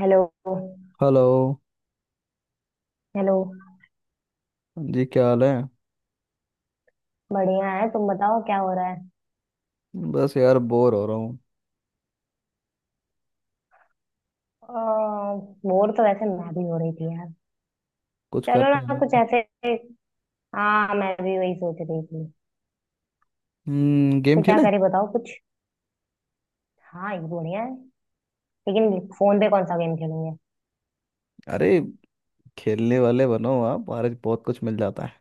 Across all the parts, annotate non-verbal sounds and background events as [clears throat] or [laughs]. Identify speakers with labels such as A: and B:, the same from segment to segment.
A: Hello.
B: Hello
A: hello.
B: जी। क्या हाल है।
A: बढ़िया है। तुम बताओ क्या हो रहा है।
B: बस यार बोर हो रहा हूँ।
A: बोर तो वैसे मैं भी हो रही थी यार।
B: कुछ
A: चलो
B: करते
A: ना
B: हैं ना।
A: कुछ ऐसे। हाँ, मैं भी वही सोच रही थी।
B: हम्म, गेम
A: तो क्या
B: खेलें।
A: करे बताओ कुछ। हाँ, ये बढ़िया है। लेकिन फोन पे कौन सा गेम खेलेंगे?
B: अरे खेलने वाले बनो आप आज बहुत कुछ मिल जाता है।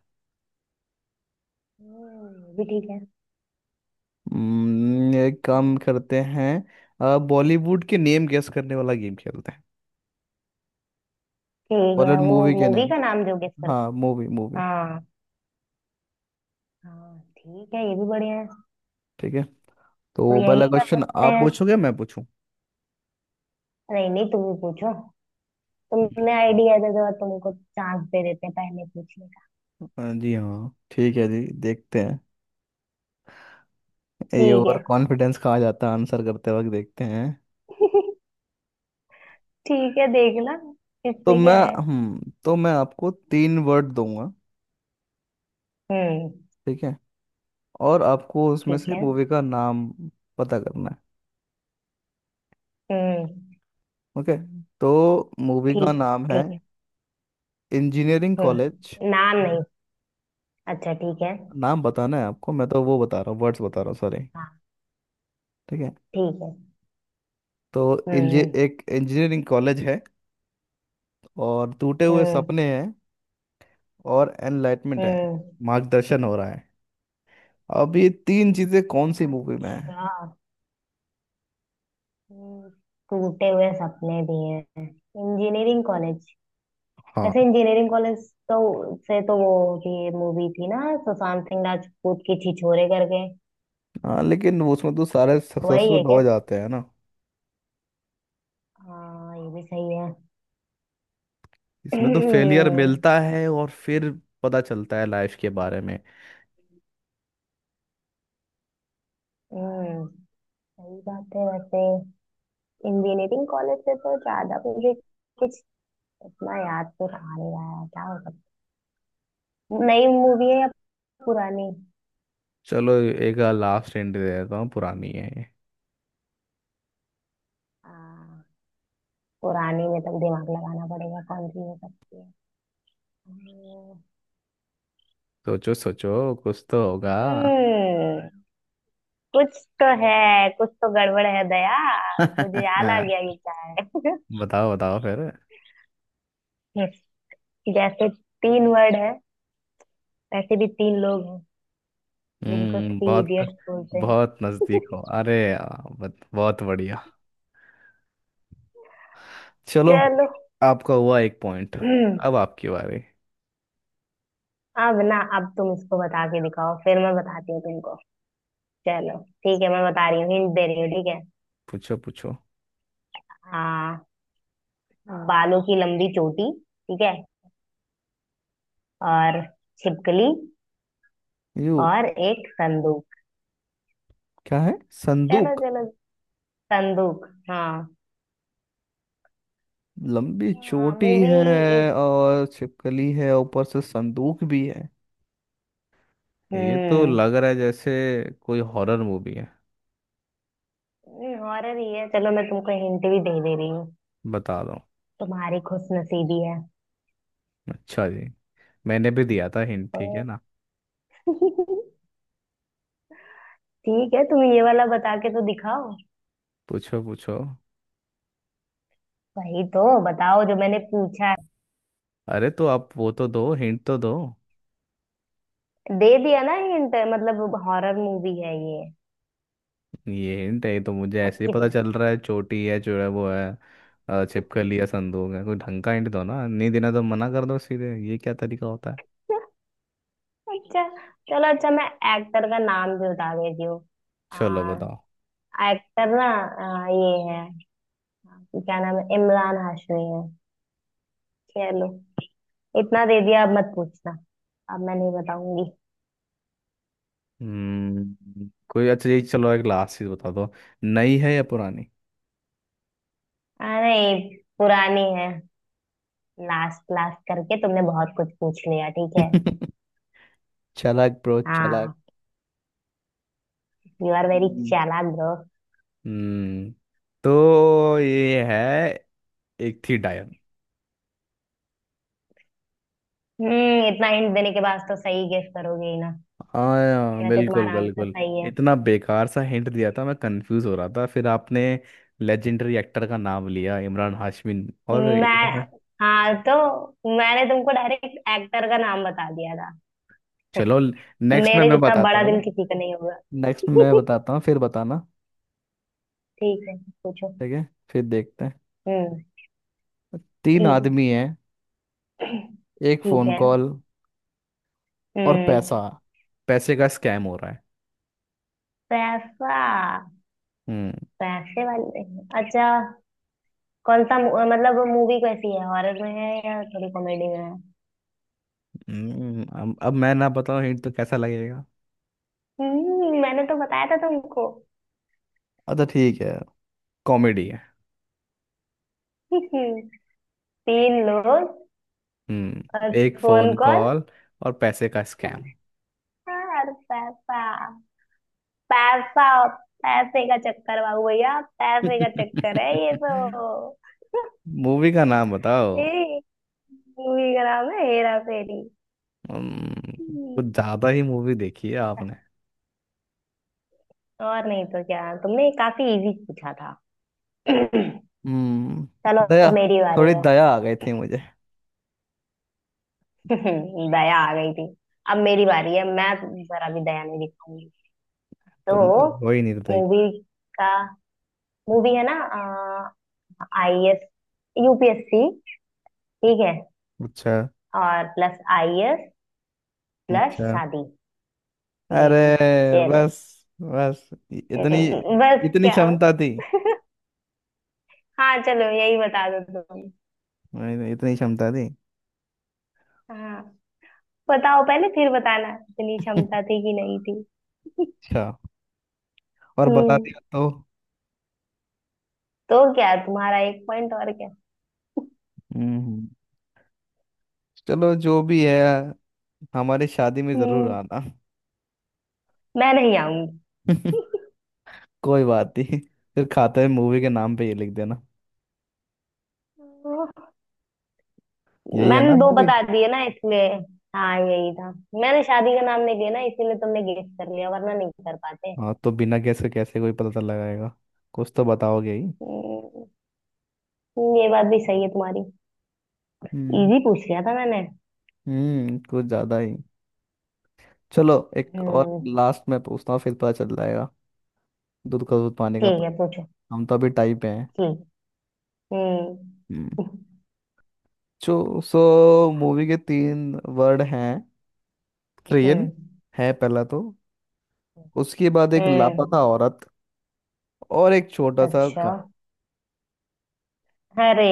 A: ये भी ठीक है।
B: एक काम
A: हम्म,
B: करते हैं, बॉलीवुड के नेम गेस करने वाला गेम खेलते हैं।
A: ठीक है।
B: बॉलीवुड
A: वो
B: मूवी के
A: मूवी
B: नेम।
A: का नाम जो गेस
B: हाँ,
A: करता।
B: मूवी मूवी
A: हाँ, हाँ, ठीक है, ये भी बढ़िया है।
B: ठीक है।
A: तो
B: तो
A: यही
B: पहला क्वेश्चन
A: करते
B: आप
A: हैं।
B: पूछोगे मैं पूछूं।
A: नहीं, नहीं, तुम ही पूछो। तुमने आइडिया दे दो, तुमको चांस दे देते हैं पहले पूछने का।
B: हाँ जी हाँ ठीक है जी, देखते हैं। ये
A: ठीक
B: ओवर कॉन्फिडेंस कहा जाता है, आंसर करते वक्त देखते हैं।
A: है। [laughs] ठीक है, देखना।
B: तो
A: इसमें
B: मैं
A: क्या है।
B: हम्म, तो मैं आपको तीन वर्ड दूंगा।
A: हम्म
B: ठीक है। और आपको उसमें
A: ठीक
B: से
A: है।
B: मूवी का नाम पता करना है।
A: हम्म
B: ओके। तो मूवी का
A: ठीक है,
B: नाम है
A: ठीक है।
B: Engineering college.
A: नाम नहीं। अच्छा, ठीक है।
B: नाम बताना है आपको, मैं तो वो बता रहा हूँ, वर्ड्स बता रहा हूँ, सॉरी।
A: हाँ,
B: ठीक है।
A: ठीक है।
B: तो इंजी
A: हम्म।
B: एक इंजीनियरिंग कॉलेज है। और टूटे हुए
A: हम्म।
B: सपने हैं। और एनलाइटमेंट है।
A: हम्म।
B: मार्गदर्शन हो रहा है। अब ये तीन चीजें कौन सी मूवी में है।
A: अच्छा। हम्म, टूटे हुए सपने भी हैं, इंजीनियरिंग कॉलेज। वैसे
B: हाँ।
A: इंजीनियरिंग कॉलेज तो से तो वो होती है मूवी थी ना। सुशांत सिंह राजपूत की छिछोरे करके।
B: हाँ लेकिन वो उसमें तो सारे
A: वही
B: सक्सेसफुल
A: है
B: हो
A: क्या?
B: जाते हैं ना।
A: हाँ, ये भी सही है।
B: इसमें तो फेलियर
A: [clears throat]
B: मिलता है और फिर पता चलता है लाइफ के बारे में।
A: हम्म, सही बात है वैसे। इंजीनियरिंग कॉलेज से तो ज्यादा मुझे कुछ इतना याद तो रहा नहीं, रहा है क्या हो सकता। नई मूवी है या पुरानी?
B: चलो एक लास्ट एंड दे देता हूँ, पुरानी है।
A: आ, पुरानी में तब दिमाग लगाना पड़ेगा, कौन सी हो सकती है।
B: सोचो सोचो, कुछ तो होगा।
A: हम्म कुछ तो है, कुछ तो गड़बड़ है दया। मुझे
B: [laughs]
A: याद आ गया कि क्या
B: बताओ बताओ, फिर।
A: है। [laughs] जैसे। तीन वर्ड है। वैसे भी तीन लोग हैं जिनको
B: हम्म,
A: थ्री
B: बहुत
A: इडियट्स बोलते हैं।
B: बहुत नजदीक हो। अरे यार, बहुत बढ़िया। चलो,
A: चलो।
B: आपका हुआ एक पॉइंट। अब
A: [clears throat]
B: आपकी बारी।
A: अब ना, अब तुम इसको बता के दिखाओ, फिर मैं बताती हूँ तुमको। चलो। ठीक है, मैं बता रही हूँ, हिंट दे रही हूँ, ठीक है।
B: पूछो पूछो।
A: आ, बालों की लंबी चोटी। ठीक है। और छिपकली।
B: यू
A: और एक संदूक।
B: क्या है।
A: चलो,
B: संदूक
A: चलो। संदूक, हाँ।
B: लंबी
A: हाँ,
B: चोटी
A: मूवी।
B: है,
A: एक।
B: और छिपकली है, ऊपर से संदूक भी है। ये तो
A: हम्म।
B: लग रहा है जैसे कोई हॉरर मूवी है।
A: हॉरर ही है, चलो मैं तुमको हिंट भी दे दे रही हूँ।
B: बता दो।
A: तुम्हारी खुश नसीबी है।
B: अच्छा जी, मैंने भी दिया था हिंट, ठीक है
A: तो।
B: ना।
A: [laughs] ठीक है, तुम ये वाला बता के तो दिखाओ।
B: पूछो पूछो।
A: वही तो बताओ जो मैंने पूछा।
B: अरे तो आप वो तो दो हिंट तो दो।
A: दे दिया ना हिंट, मतलब हॉरर मूवी है ये।
B: ये हिंट है? ये तो मुझे
A: अब
B: ऐसे ही पता
A: कितना।
B: चल रहा है। चोटी है जो है वो है, छिपकली है, संदूक है। कोई ढंग का हिंट दो ना, नहीं देना तो मना कर दो सीधे, ये क्या तरीका होता है।
A: [laughs] अच्छा, चलो, अच्छा, मैं एक्टर का नाम भी बता देती हूँ।
B: चलो
A: आ,
B: बताओ।
A: एक्टर ना ये है। क्या नाम है, इमरान हाशमी है। चलो। इतना दे दिया, अब मत पूछना। अब मैं नहीं बताऊंगी।
B: हम्म, कोई अच्छा, ये चलो एक लास्ट चीज बता दो, नई है या पुरानी।
A: नहीं, पुरानी है। लास्ट लास्ट करके तुमने बहुत कुछ पूछ लिया, ठीक है।
B: [laughs] चालाक ब्रो।
A: हाँ। यू आर वेरी
B: चालाक।
A: चालाक ब्रो।
B: हम्म, तो ये है एक थी डायन।
A: इतना हिंट देने के बाद तो सही गेस करोगे ही ना।
B: हाँ। हाँ,
A: वैसे
B: बिल्कुल
A: तुम्हारा आंसर
B: बिल्कुल।
A: सही है।
B: इतना बेकार सा हिंट दिया था, मैं कंफ्यूज हो रहा था। फिर आपने लेजेंडरी एक्टर का नाम लिया, इमरान हाशमी। और इधर-।
A: मैं। हाँ, तो मैंने तुमको डायरेक्ट एक्टर का नाम बता दिया था।
B: चलो,
A: [laughs]
B: नेक्स्ट में
A: मेरे
B: मैं
A: जितना
B: बताता
A: बड़ा
B: हूँ
A: दिल
B: ना।
A: किसी का नहीं
B: नेक्स्ट में मैं
A: होगा। [laughs]
B: बताता हूँ फिर बताना।
A: ठीक है, पूछो।
B: ठीक है, फिर देखते हैं।
A: हम्म।
B: तीन
A: ठीक
B: आदमी हैं।
A: है। [clears throat]
B: एक
A: ठीक
B: फोन
A: है।
B: कॉल। और पैसा,
A: हम्म।
B: पैसे का स्कैम हो रहा है।
A: पैसा।
B: हम्म।
A: पैसे वाले। अच्छा, कौन सा मतलब मूवी कैसी है, हॉरर में है या थोड़ी कॉमेडी में है?
B: अब मैं ना बताऊँ हिंट तो कैसा लगेगा।
A: मैंने तो बताया था तुमको।
B: अच्छा ठीक है, कॉमेडी है।
A: [laughs] तीन लोग।
B: हम्म।
A: और
B: एक फोन
A: फोन कॉल।
B: कॉल और पैसे का स्कैम।
A: और पैसा। पैसा। पैसे का चक्कर बाबू भैया, पैसे का चक्कर है ये
B: [laughs]
A: तो।
B: मूवी का नाम बताओ।
A: ये मूवी का नाम है, हेरा फेरी।
B: हम्म, कुछ
A: हम्म,
B: ज्यादा ही मूवी देखी है आपने।
A: और नहीं तो क्या, तुमने काफी इजी पूछा था। [clears throat] चलो,
B: हम्म, दया,
A: अब मेरी
B: थोड़ी
A: बारी है।
B: दया आ गई थी मुझे।
A: [laughs] दया आ गई थी। अब मेरी बारी है, मैं जरा भी दया नहीं दिखाऊंगी।
B: तुम तो
A: तो
B: हो ही निर्दयी।
A: मूवी का मूवी है ना? आईएएस, यूपीएससी, ठीक है।
B: अच्छा।
A: और प्लस आईएएस प्लस
B: अच्छा।
A: शादी। हम्म।
B: अरे
A: चलो।
B: बस, इतनी,
A: बस
B: इतनी
A: क्या?
B: क्षमता थी।
A: हाँ, चलो यही बता दो तुम।
B: मैंने इतनी क्षमता थी।
A: हाँ। बताओ पहले, फिर बताना इतनी
B: [laughs]
A: क्षमता थी कि नहीं थी।
B: अच्छा, और बता
A: हम्म
B: दिया तो।
A: तो क्या, तुम्हारा एक पॉइंट और, क्या?
B: हम्म, चलो जो भी है, हमारी शादी में जरूर
A: हम्म।
B: आना।
A: मैं नहीं आऊंगी।
B: [laughs] कोई बात नहीं, फिर खाते में मूवी के नाम पे ये लिख देना। यही है
A: मैंने
B: ना
A: दो
B: मूवी।
A: बता दिए ना इसलिए। हाँ, यही था। मैंने शादी का नाम नहीं लिया ना, इसीलिए तुमने गेस कर लिया, वरना नहीं कर पाते।
B: हाँ तो बिना गैस के कैसे कोई पता लगाएगा, कुछ तो बताओगे ही।
A: हम्म, ये बात भी सही है तुम्हारी।
B: हम्म।
A: इजी पूछ लिया था मैंने।
B: हम्म, कुछ ज्यादा ही। चलो एक और
A: हम्म।
B: लास्ट में पूछता हूँ फिर पता चल जाएगा। दूध का दूध पानी का
A: ठीक है,
B: पानी।
A: पूछो।
B: हम तो अभी टाइप पे हैं।
A: ठीक। हम्म।
B: हम्म जो सो मूवी के तीन वर्ड हैं। ट्रेन
A: हम्म।
B: है पहला तो। उसके बाद एक
A: हम्म।
B: लापता औरत। और एक छोटा सा
A: अच्छा।
B: गांव।
A: अरे।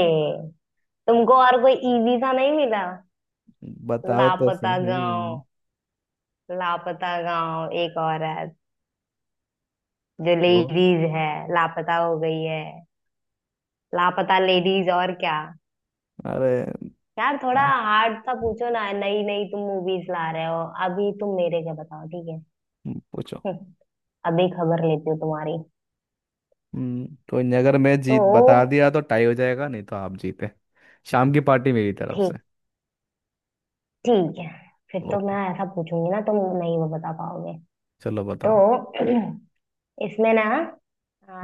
A: तुमको और कोई इजी सा नहीं मिला?
B: बताओ तो
A: लापता
B: सही।
A: गांव। लापता गांव, एक औरत जो
B: तो
A: लेडीज है। लापता हो गई है। लापता लेडीज, और क्या।
B: अरे।
A: यार थोड़ा हार्ड सा पूछो ना, नई नई तुम मूवीज ला रहे हो अभी, तुम मेरे क्या बताओ, ठीक है।
B: पूछो।
A: हम्म, अभी खबर लेती हूँ तुम्हारी।
B: तो नहीं, अगर मैं जीत
A: तो
B: बता दिया तो टाई हो जाएगा, नहीं तो आप जीते। शाम की पार्टी मेरी तरफ से।
A: ठीक, ठीक है। फिर तो मैं
B: ओके,
A: ऐसा पूछूंगी ना, तुम नहीं वो बता पाओगे।
B: चलो
A: तो
B: बताओ।
A: [clears throat] इसमें ना।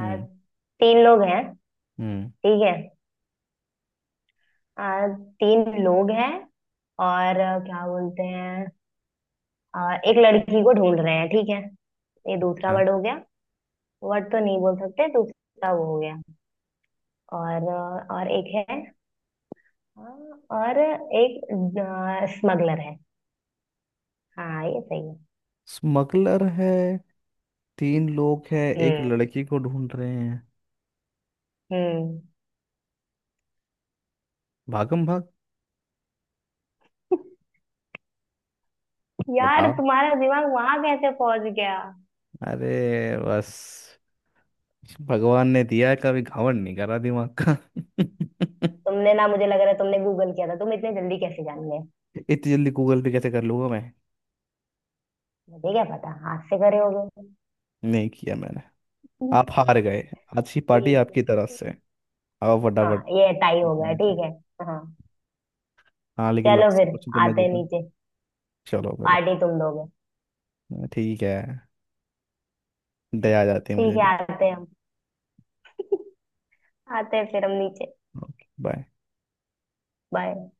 B: हम्म।
A: लोग हैं।
B: हम्म।
A: ठीक है। आ, तीन लोग हैं। और क्या बोलते हैं। एक लड़की को ढूंढ रहे हैं, ठीक है। ये दूसरा
B: अच्छा।
A: वर्ड हो गया। वर्ड तो नहीं बोल सकते, दूसरा वो हो गया। और एक है। हाँ, और। एक स्मगलर है। हाँ, ये सही है।
B: स्मगलर है, तीन लोग हैं, एक
A: हम्म।
B: लड़की को ढूंढ रहे हैं।
A: हम्म।
B: भागम भाग।
A: यार
B: बताओ।
A: तुम्हारा दिमाग वहां कैसे पहुंच गया?
B: अरे बस, भगवान ने दिया है, कभी घावन नहीं करा दिमाग का। [laughs]
A: तुमने ना, मुझे लग रहा है तुमने गूगल किया था, तुम इतने जल्दी कैसे जान गए?
B: इतनी जल्दी गूगल पे कैसे कर लूंगा मैं।
A: मुझे क्या पता, हाथ से करे होगे।
B: नहीं किया मैंने। आप हार गए। आज की पार्टी
A: ठीक।
B: आपकी तरफ से। आओ
A: हाँ,
B: फटाफट।
A: ये टाई हो गया, ठीक है। हाँ।
B: हाँ लेकिन
A: चलो
B: लास्ट
A: फिर,
B: क्वेश्चन तो मैं
A: आते हैं
B: जीता।
A: नीचे।
B: चलो चलो।
A: पार्टी तुम दोगे।
B: ठीक है, दया आ जाती है मुझे
A: ठीक है।
B: भी।
A: आते हैं हम। आते हैं फिर हम नीचे।
B: Okay bye.
A: बाय।